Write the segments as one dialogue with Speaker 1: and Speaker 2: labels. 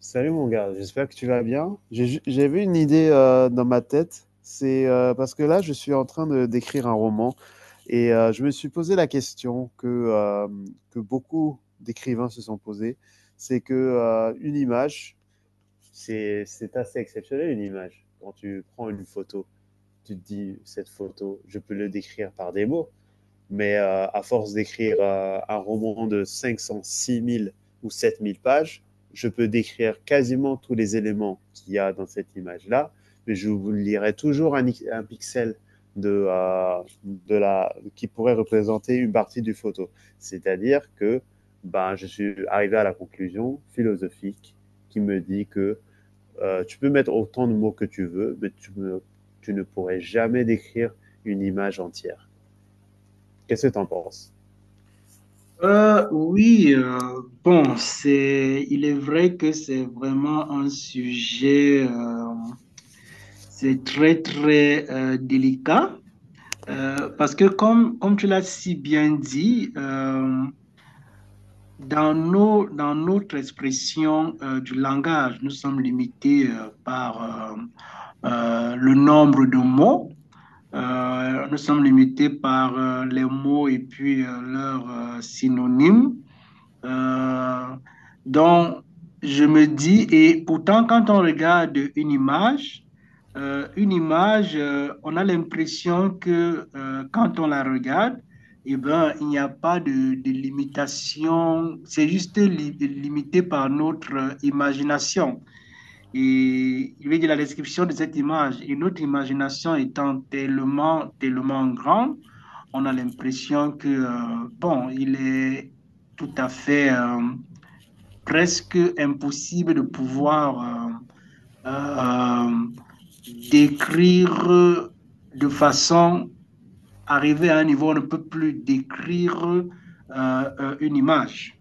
Speaker 1: Salut mon gars, j'espère que tu vas bien. J'avais une idée dans ma tête. C'est parce que là je suis en train de d'écrire un roman je me suis posé la question que beaucoup d'écrivains se sont posés. C'est que une image, c'est assez exceptionnel, une image. Quand tu prends une photo, tu te dis cette photo, je peux le décrire par des mots. Mais à force d'écrire un roman de 500, 6 000 ou 7 000 pages, je peux décrire quasiment tous les éléments qu'il y a dans cette image-là, mais je vous lirai toujours un pixel qui pourrait représenter une partie du photo. C'est-à-dire que ben, je suis arrivé à la conclusion philosophique qui me dit que tu peux mettre autant de mots que tu veux, mais tu ne pourrais jamais décrire une image entière. Qu'est-ce que tu en penses?
Speaker 2: Oui, il est vrai que c'est vraiment un sujet, c'est très, très, délicat, parce que comme tu l'as si bien dit, dans dans notre expression du langage, nous sommes limités par le nombre de mots. Nous sommes limités par les mots et puis leurs synonymes. Euh, donc, je me dis, et pourtant, quand on regarde une image, on a l'impression que quand on la regarde, eh ben, il n'y a pas de limitation, c'est juste limité par notre imagination. Et il veut dire la description de cette image. Et notre imagination étant tellement, tellement grande, on a l'impression que, bon, il est tout à fait, presque impossible de pouvoir euh, euh, décrire de façon, arriver à un niveau où on ne peut plus décrire une image.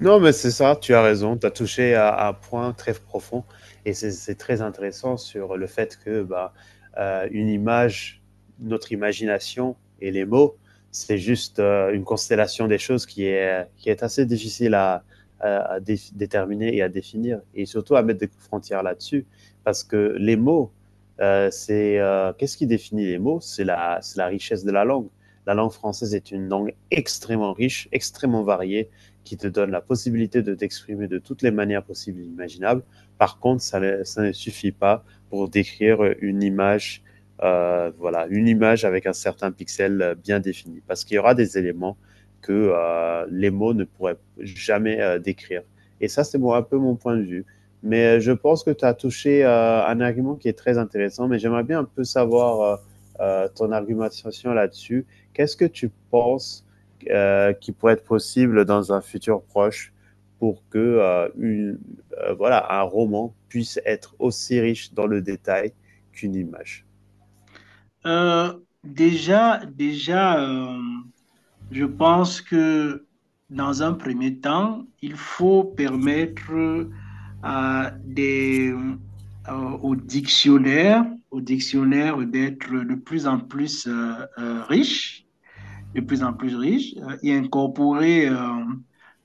Speaker 1: Non, mais c'est ça, tu as raison, tu as touché à un point très profond et c'est très intéressant sur le fait que bah, une image, notre imagination et les mots, c'est juste une constellation des choses qui est assez difficile à, déterminer et à définir, et surtout à mettre des frontières là-dessus, parce que les mots, c'est qu'est-ce qui définit les mots? C'est la richesse de la langue. La langue française est une langue extrêmement riche, extrêmement variée, qui te donne la possibilité de t'exprimer de toutes les manières possibles et imaginables. Par contre, ça ne suffit pas pour décrire une image, voilà, une image avec un certain pixel bien défini, parce qu'il y aura des éléments que les mots ne pourraient jamais décrire. Et ça, c'est moi, un peu mon point de vue. Mais je pense que tu as touché un argument qui est très intéressant, mais j'aimerais bien un peu savoir ton argumentation là-dessus. Qu'est-ce que tu penses qui pourrait être possible dans un futur proche pour que un roman puisse être aussi riche dans le détail qu'une image.
Speaker 2: Euh, déjà, Je pense que dans un premier temps, il faut permettre à euh, au dictionnaire, au dictionnaire d'être de plus en plus riche, de plus en plus riches, et incorporer euh,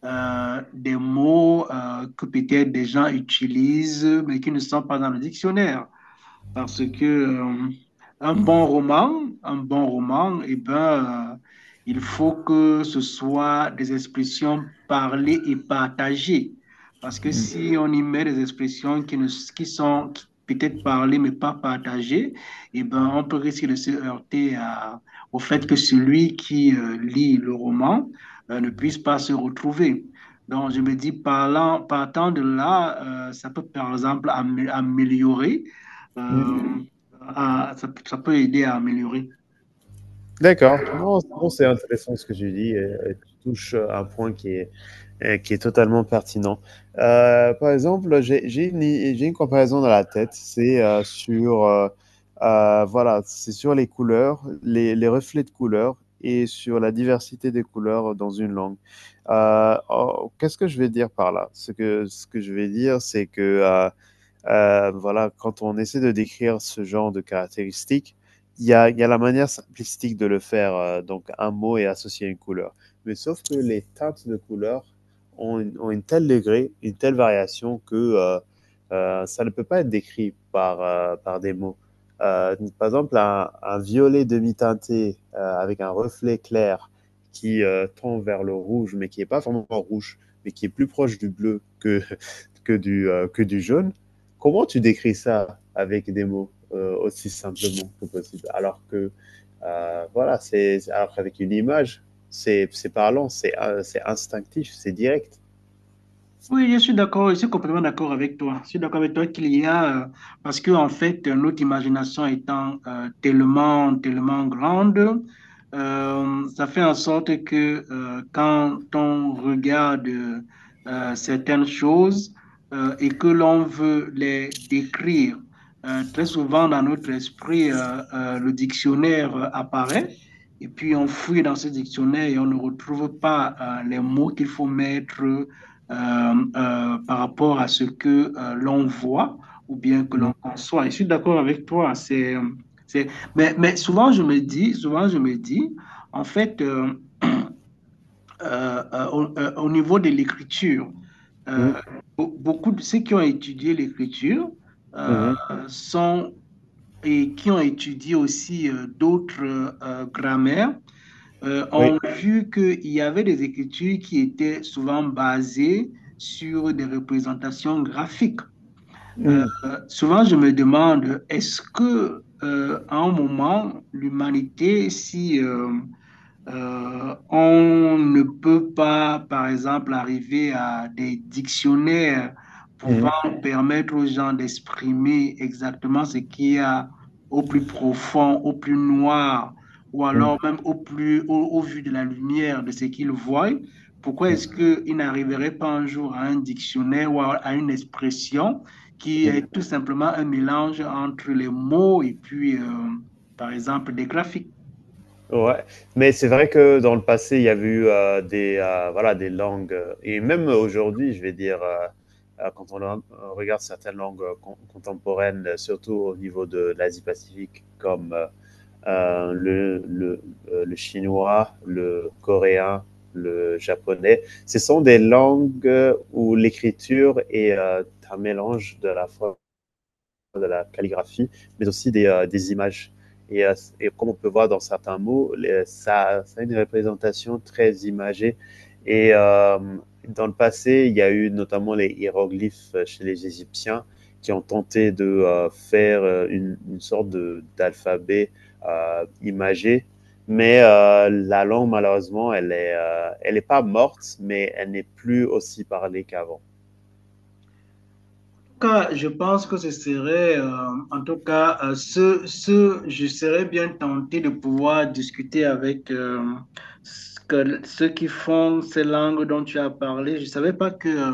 Speaker 2: euh, des mots que peut-être des gens utilisent, mais qui ne sont pas dans le dictionnaire. Parce que, un bon roman, eh ben, il faut que ce soit des expressions parlées et partagées. Parce que si on y met des expressions qui, ne, qui sont qui peut-être parlées mais pas partagées, eh ben, on peut risquer de se heurter à- au fait que celui qui lit le roman ne puisse pas se retrouver. Donc, je me dis, parlant, partant de là, ça peut par exemple améliorer euh, ça, ça peut aider à améliorer.
Speaker 1: D'accord. Non, non, c'est intéressant ce que tu dis, et tu touches un point qui est totalement pertinent. Par exemple, j'ai une comparaison dans la tête. C'est c'est sur les couleurs, les reflets de couleurs et sur la diversité des couleurs dans une langue. Oh, Qu'est-ce que je vais dire par là? Ce que je vais dire, c'est que voilà, quand on essaie de décrire ce genre de caractéristiques, il y a, y a la manière simplistique de le faire, donc un mot et associer une couleur. Mais sauf que les teintes de couleurs ont une telle degré, une telle variation que ça ne peut pas être décrit par, par des mots. Par exemple, un violet demi-teinté avec un reflet clair qui tend vers le rouge, mais qui n'est pas vraiment rouge, mais qui est plus proche du bleu que, que du jaune. Comment tu décris ça avec des mots aussi simplement que possible? C'est alors qu'avec une image, c'est parlant, c'est instinctif, c'est direct.
Speaker 2: Oui, je suis d'accord, je suis complètement d'accord avec toi. Je suis d'accord avec toi qu'il y a, parce que en fait, notre imagination étant tellement, tellement grande, ça fait en sorte que quand on regarde certaines choses et que l'on veut les décrire, très souvent dans notre esprit, le dictionnaire apparaît. Et puis on fouille dans ce dictionnaire et on ne retrouve pas les mots qu'il faut mettre, euh, par rapport à ce que l'on voit ou bien que
Speaker 1: Mm,
Speaker 2: l'on conçoit. Et je suis d'accord avec toi. C'est... Mais souvent, je me dis, souvent, je me dis, en fait, au niveau de l'écriture, euh,
Speaker 1: mm,
Speaker 2: beaucoup de ceux qui ont étudié l'écriture euh,
Speaker 1: mhm.
Speaker 2: sont et qui ont étudié aussi d'autres grammaires
Speaker 1: Oui.
Speaker 2: ont vu qu'il y avait des écritures qui étaient souvent basées sur des représentations graphiques. Euh,
Speaker 1: Mm,
Speaker 2: Souvent, je me demande, est-ce que, à un moment, l'humanité, si, on ne peut pas, par exemple, arriver à des dictionnaires
Speaker 1: mhm,
Speaker 2: pouvant permettre aux gens d'exprimer exactement ce qu'il y a au plus profond, au plus noir, ou
Speaker 1: mm,
Speaker 2: alors même au plus, au, au vu de la lumière de ce qu'ils voient. Pourquoi est-ce qu'ils n'arriveraient pas un jour à un dictionnaire ou à une expression qui
Speaker 1: mm,
Speaker 2: est
Speaker 1: mhm.
Speaker 2: tout simplement un mélange entre les mots et puis, par exemple, des graphiques?
Speaker 1: Ouais, mais c'est vrai que dans le passé, il y avait eu des langues, et même aujourd'hui, je vais dire, quand on regarde certaines langues contemporaines, surtout au niveau de l'Asie-Pacifique, comme euh, le, le, le chinois, le coréen, le japonais. Ce sont des langues où l'écriture est un mélange de la fois de la calligraphie, mais aussi des images. Et, euh, et, comme on peut voir dans certains mots, ça, ça a une représentation très imagée. Et dans le passé, il y a eu notamment les hiéroglyphes chez les Égyptiens qui ont tenté de faire une sorte d'alphabet imagé. Mais la langue, malheureusement, elle est pas morte, mais elle n'est plus aussi parlée qu'avant.
Speaker 2: Cas, je pense que ce serait, en tout cas, ce, je serais bien tenté de pouvoir discuter avec ceux qui font ces langues dont tu as parlé. Je ne savais pas que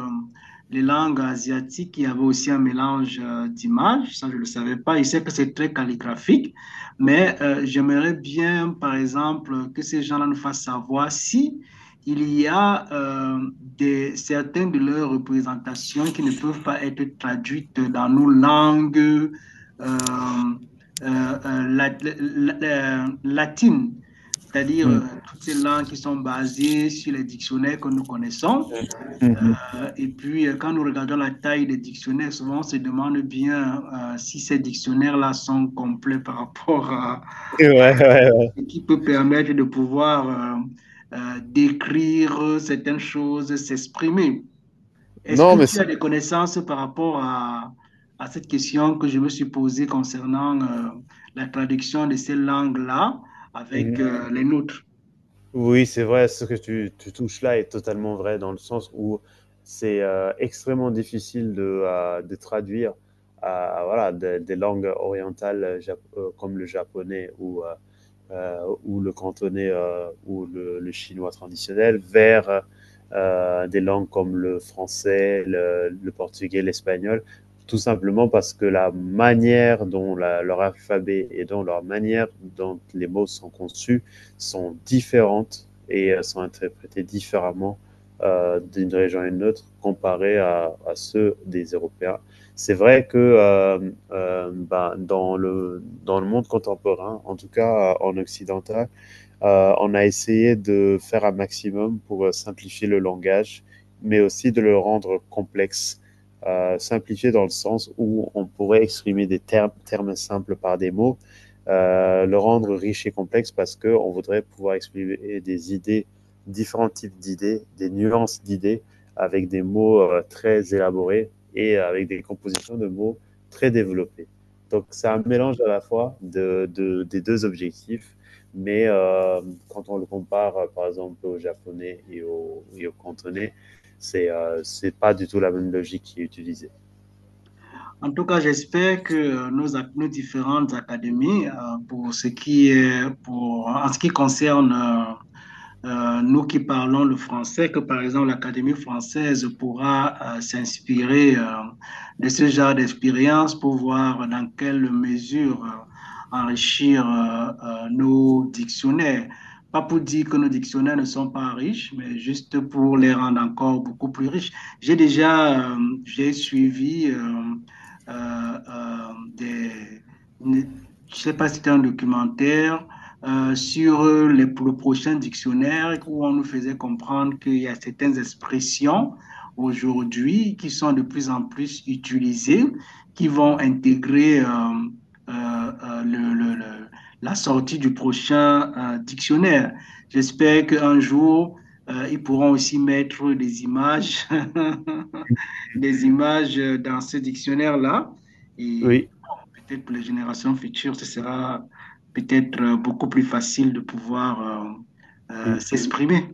Speaker 2: les langues asiatiques, il y avait aussi un mélange d'images. Ça, je ne le savais pas. Je sais que c'est très calligraphique, mais j'aimerais bien, par exemple, que ces gens-là nous fassent savoir si il y a certaines de leurs représentations qui ne peuvent pas être traduites dans nos langues euh, euh, la- latines, c'est-à-dire
Speaker 1: Mmh.
Speaker 2: toutes ces langues qui sont basées sur les dictionnaires que nous connaissons.
Speaker 1: Mmh.
Speaker 2: Et puis, quand nous regardons la taille des dictionnaires, souvent on se demande bien si ces dictionnaires-là sont complets par rapport à
Speaker 1: Ouais, ouais, ouais.
Speaker 2: et qui peut permettre de pouvoir décrire certaines choses, s'exprimer. Est-ce que
Speaker 1: Non, mais
Speaker 2: tu as
Speaker 1: c'est…
Speaker 2: des connaissances par rapport à cette question que je me suis posée concernant la traduction de ces langues-là avec
Speaker 1: Mmh.
Speaker 2: les nôtres?
Speaker 1: Oui, c'est vrai, ce que tu touches là est totalement vrai dans le sens où c'est extrêmement difficile de traduire voilà, des langues orientales comme le japonais euh, ou le cantonais ou le, chinois traditionnel vers des langues comme le français, le portugais, l'espagnol, tout simplement parce que la manière dont la, leur alphabet et dont leur manière dont les mots sont conçus sont différentes et sont interprétés différemment d'une région à une autre comparé à, ceux des Européens. C'est vrai que bah, dans le monde contemporain, en tout cas en occidental, on a essayé de faire un maximum pour simplifier le langage, mais aussi de le rendre complexe. Simplifié dans le sens où on pourrait exprimer des termes, termes simples par des mots, le rendre riche et complexe parce qu'on voudrait pouvoir exprimer des idées, différents types d'idées, des nuances d'idées avec des mots très élaborés et avec des compositions de mots très développées. Donc c'est un mélange à la fois de, des deux objectifs, mais quand on le compare par exemple au japonais et au cantonais, c'est pas du tout la même logique qui est utilisée.
Speaker 2: En tout cas, j'espère que nos différentes académies, pour ce qui est, pour, en ce qui concerne nous qui parlons le français, que par exemple l'Académie française pourra s'inspirer de ce genre d'expérience pour voir dans quelle mesure enrichir nos dictionnaires. Pas pour dire que nos dictionnaires ne sont pas riches, mais juste pour les rendre encore beaucoup plus riches. J'ai déjà j'ai suivi des... Je ne sais pas si c'était un documentaire sur le prochain dictionnaire où on nous faisait comprendre qu'il y a certaines expressions aujourd'hui qui sont de plus en plus utilisées, qui vont intégrer euh, euh, le- le- le- la sortie du prochain dictionnaire. J'espère qu'un jour, ils pourront aussi mettre des images, des images dans ce dictionnaire-là. Et
Speaker 1: Oui.
Speaker 2: Peut-être pour les générations futures, ce sera peut-être beaucoup plus facile de pouvoir s'exprimer.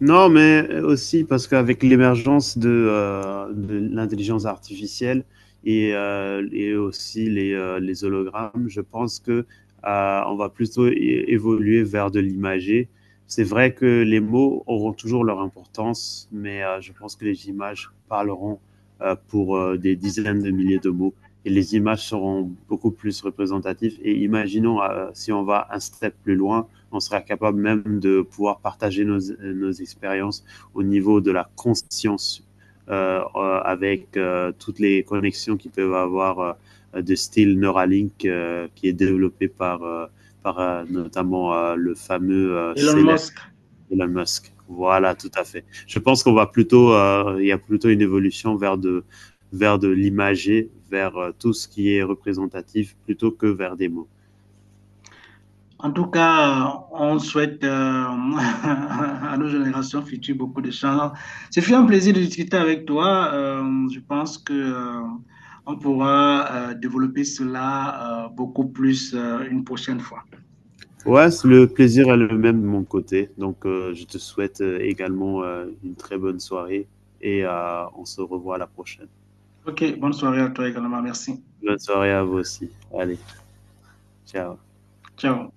Speaker 1: Non, mais aussi parce qu'avec l'émergence de l'intelligence artificielle et aussi les hologrammes, je pense que on va plutôt évoluer vers de l'imagé. C'est vrai que les mots auront toujours leur importance, mais je pense que les images parleront pour des dizaines de milliers de mots et les images seront beaucoup plus représentatives. Et imaginons si on va un step plus loin, on sera capable même de pouvoir partager nos, nos expériences au niveau de la conscience avec toutes les connexions qu'ils peuvent avoir de style Neuralink qui est développé par, notamment le fameux,
Speaker 2: Elon
Speaker 1: célèbre
Speaker 2: Musk.
Speaker 1: Elon Musk. Voilà, tout à fait. Je pense qu'on va plutôt, il y a plutôt une évolution vers de l'imager, vers tout ce qui est représentatif plutôt que vers des mots.
Speaker 2: En tout cas, on souhaite à nos générations futures beaucoup de chance. Ce fut un plaisir de discuter avec toi. Je pense que on pourra développer cela beaucoup plus une prochaine fois.
Speaker 1: Ouais, le plaisir est le même de mon côté. Donc, je te souhaite également une très bonne soirée, et on se revoit à la prochaine.
Speaker 2: Ok, bonne soirée à toi également. Merci.
Speaker 1: Bonne soirée à vous aussi. Allez, ciao.
Speaker 2: Ciao.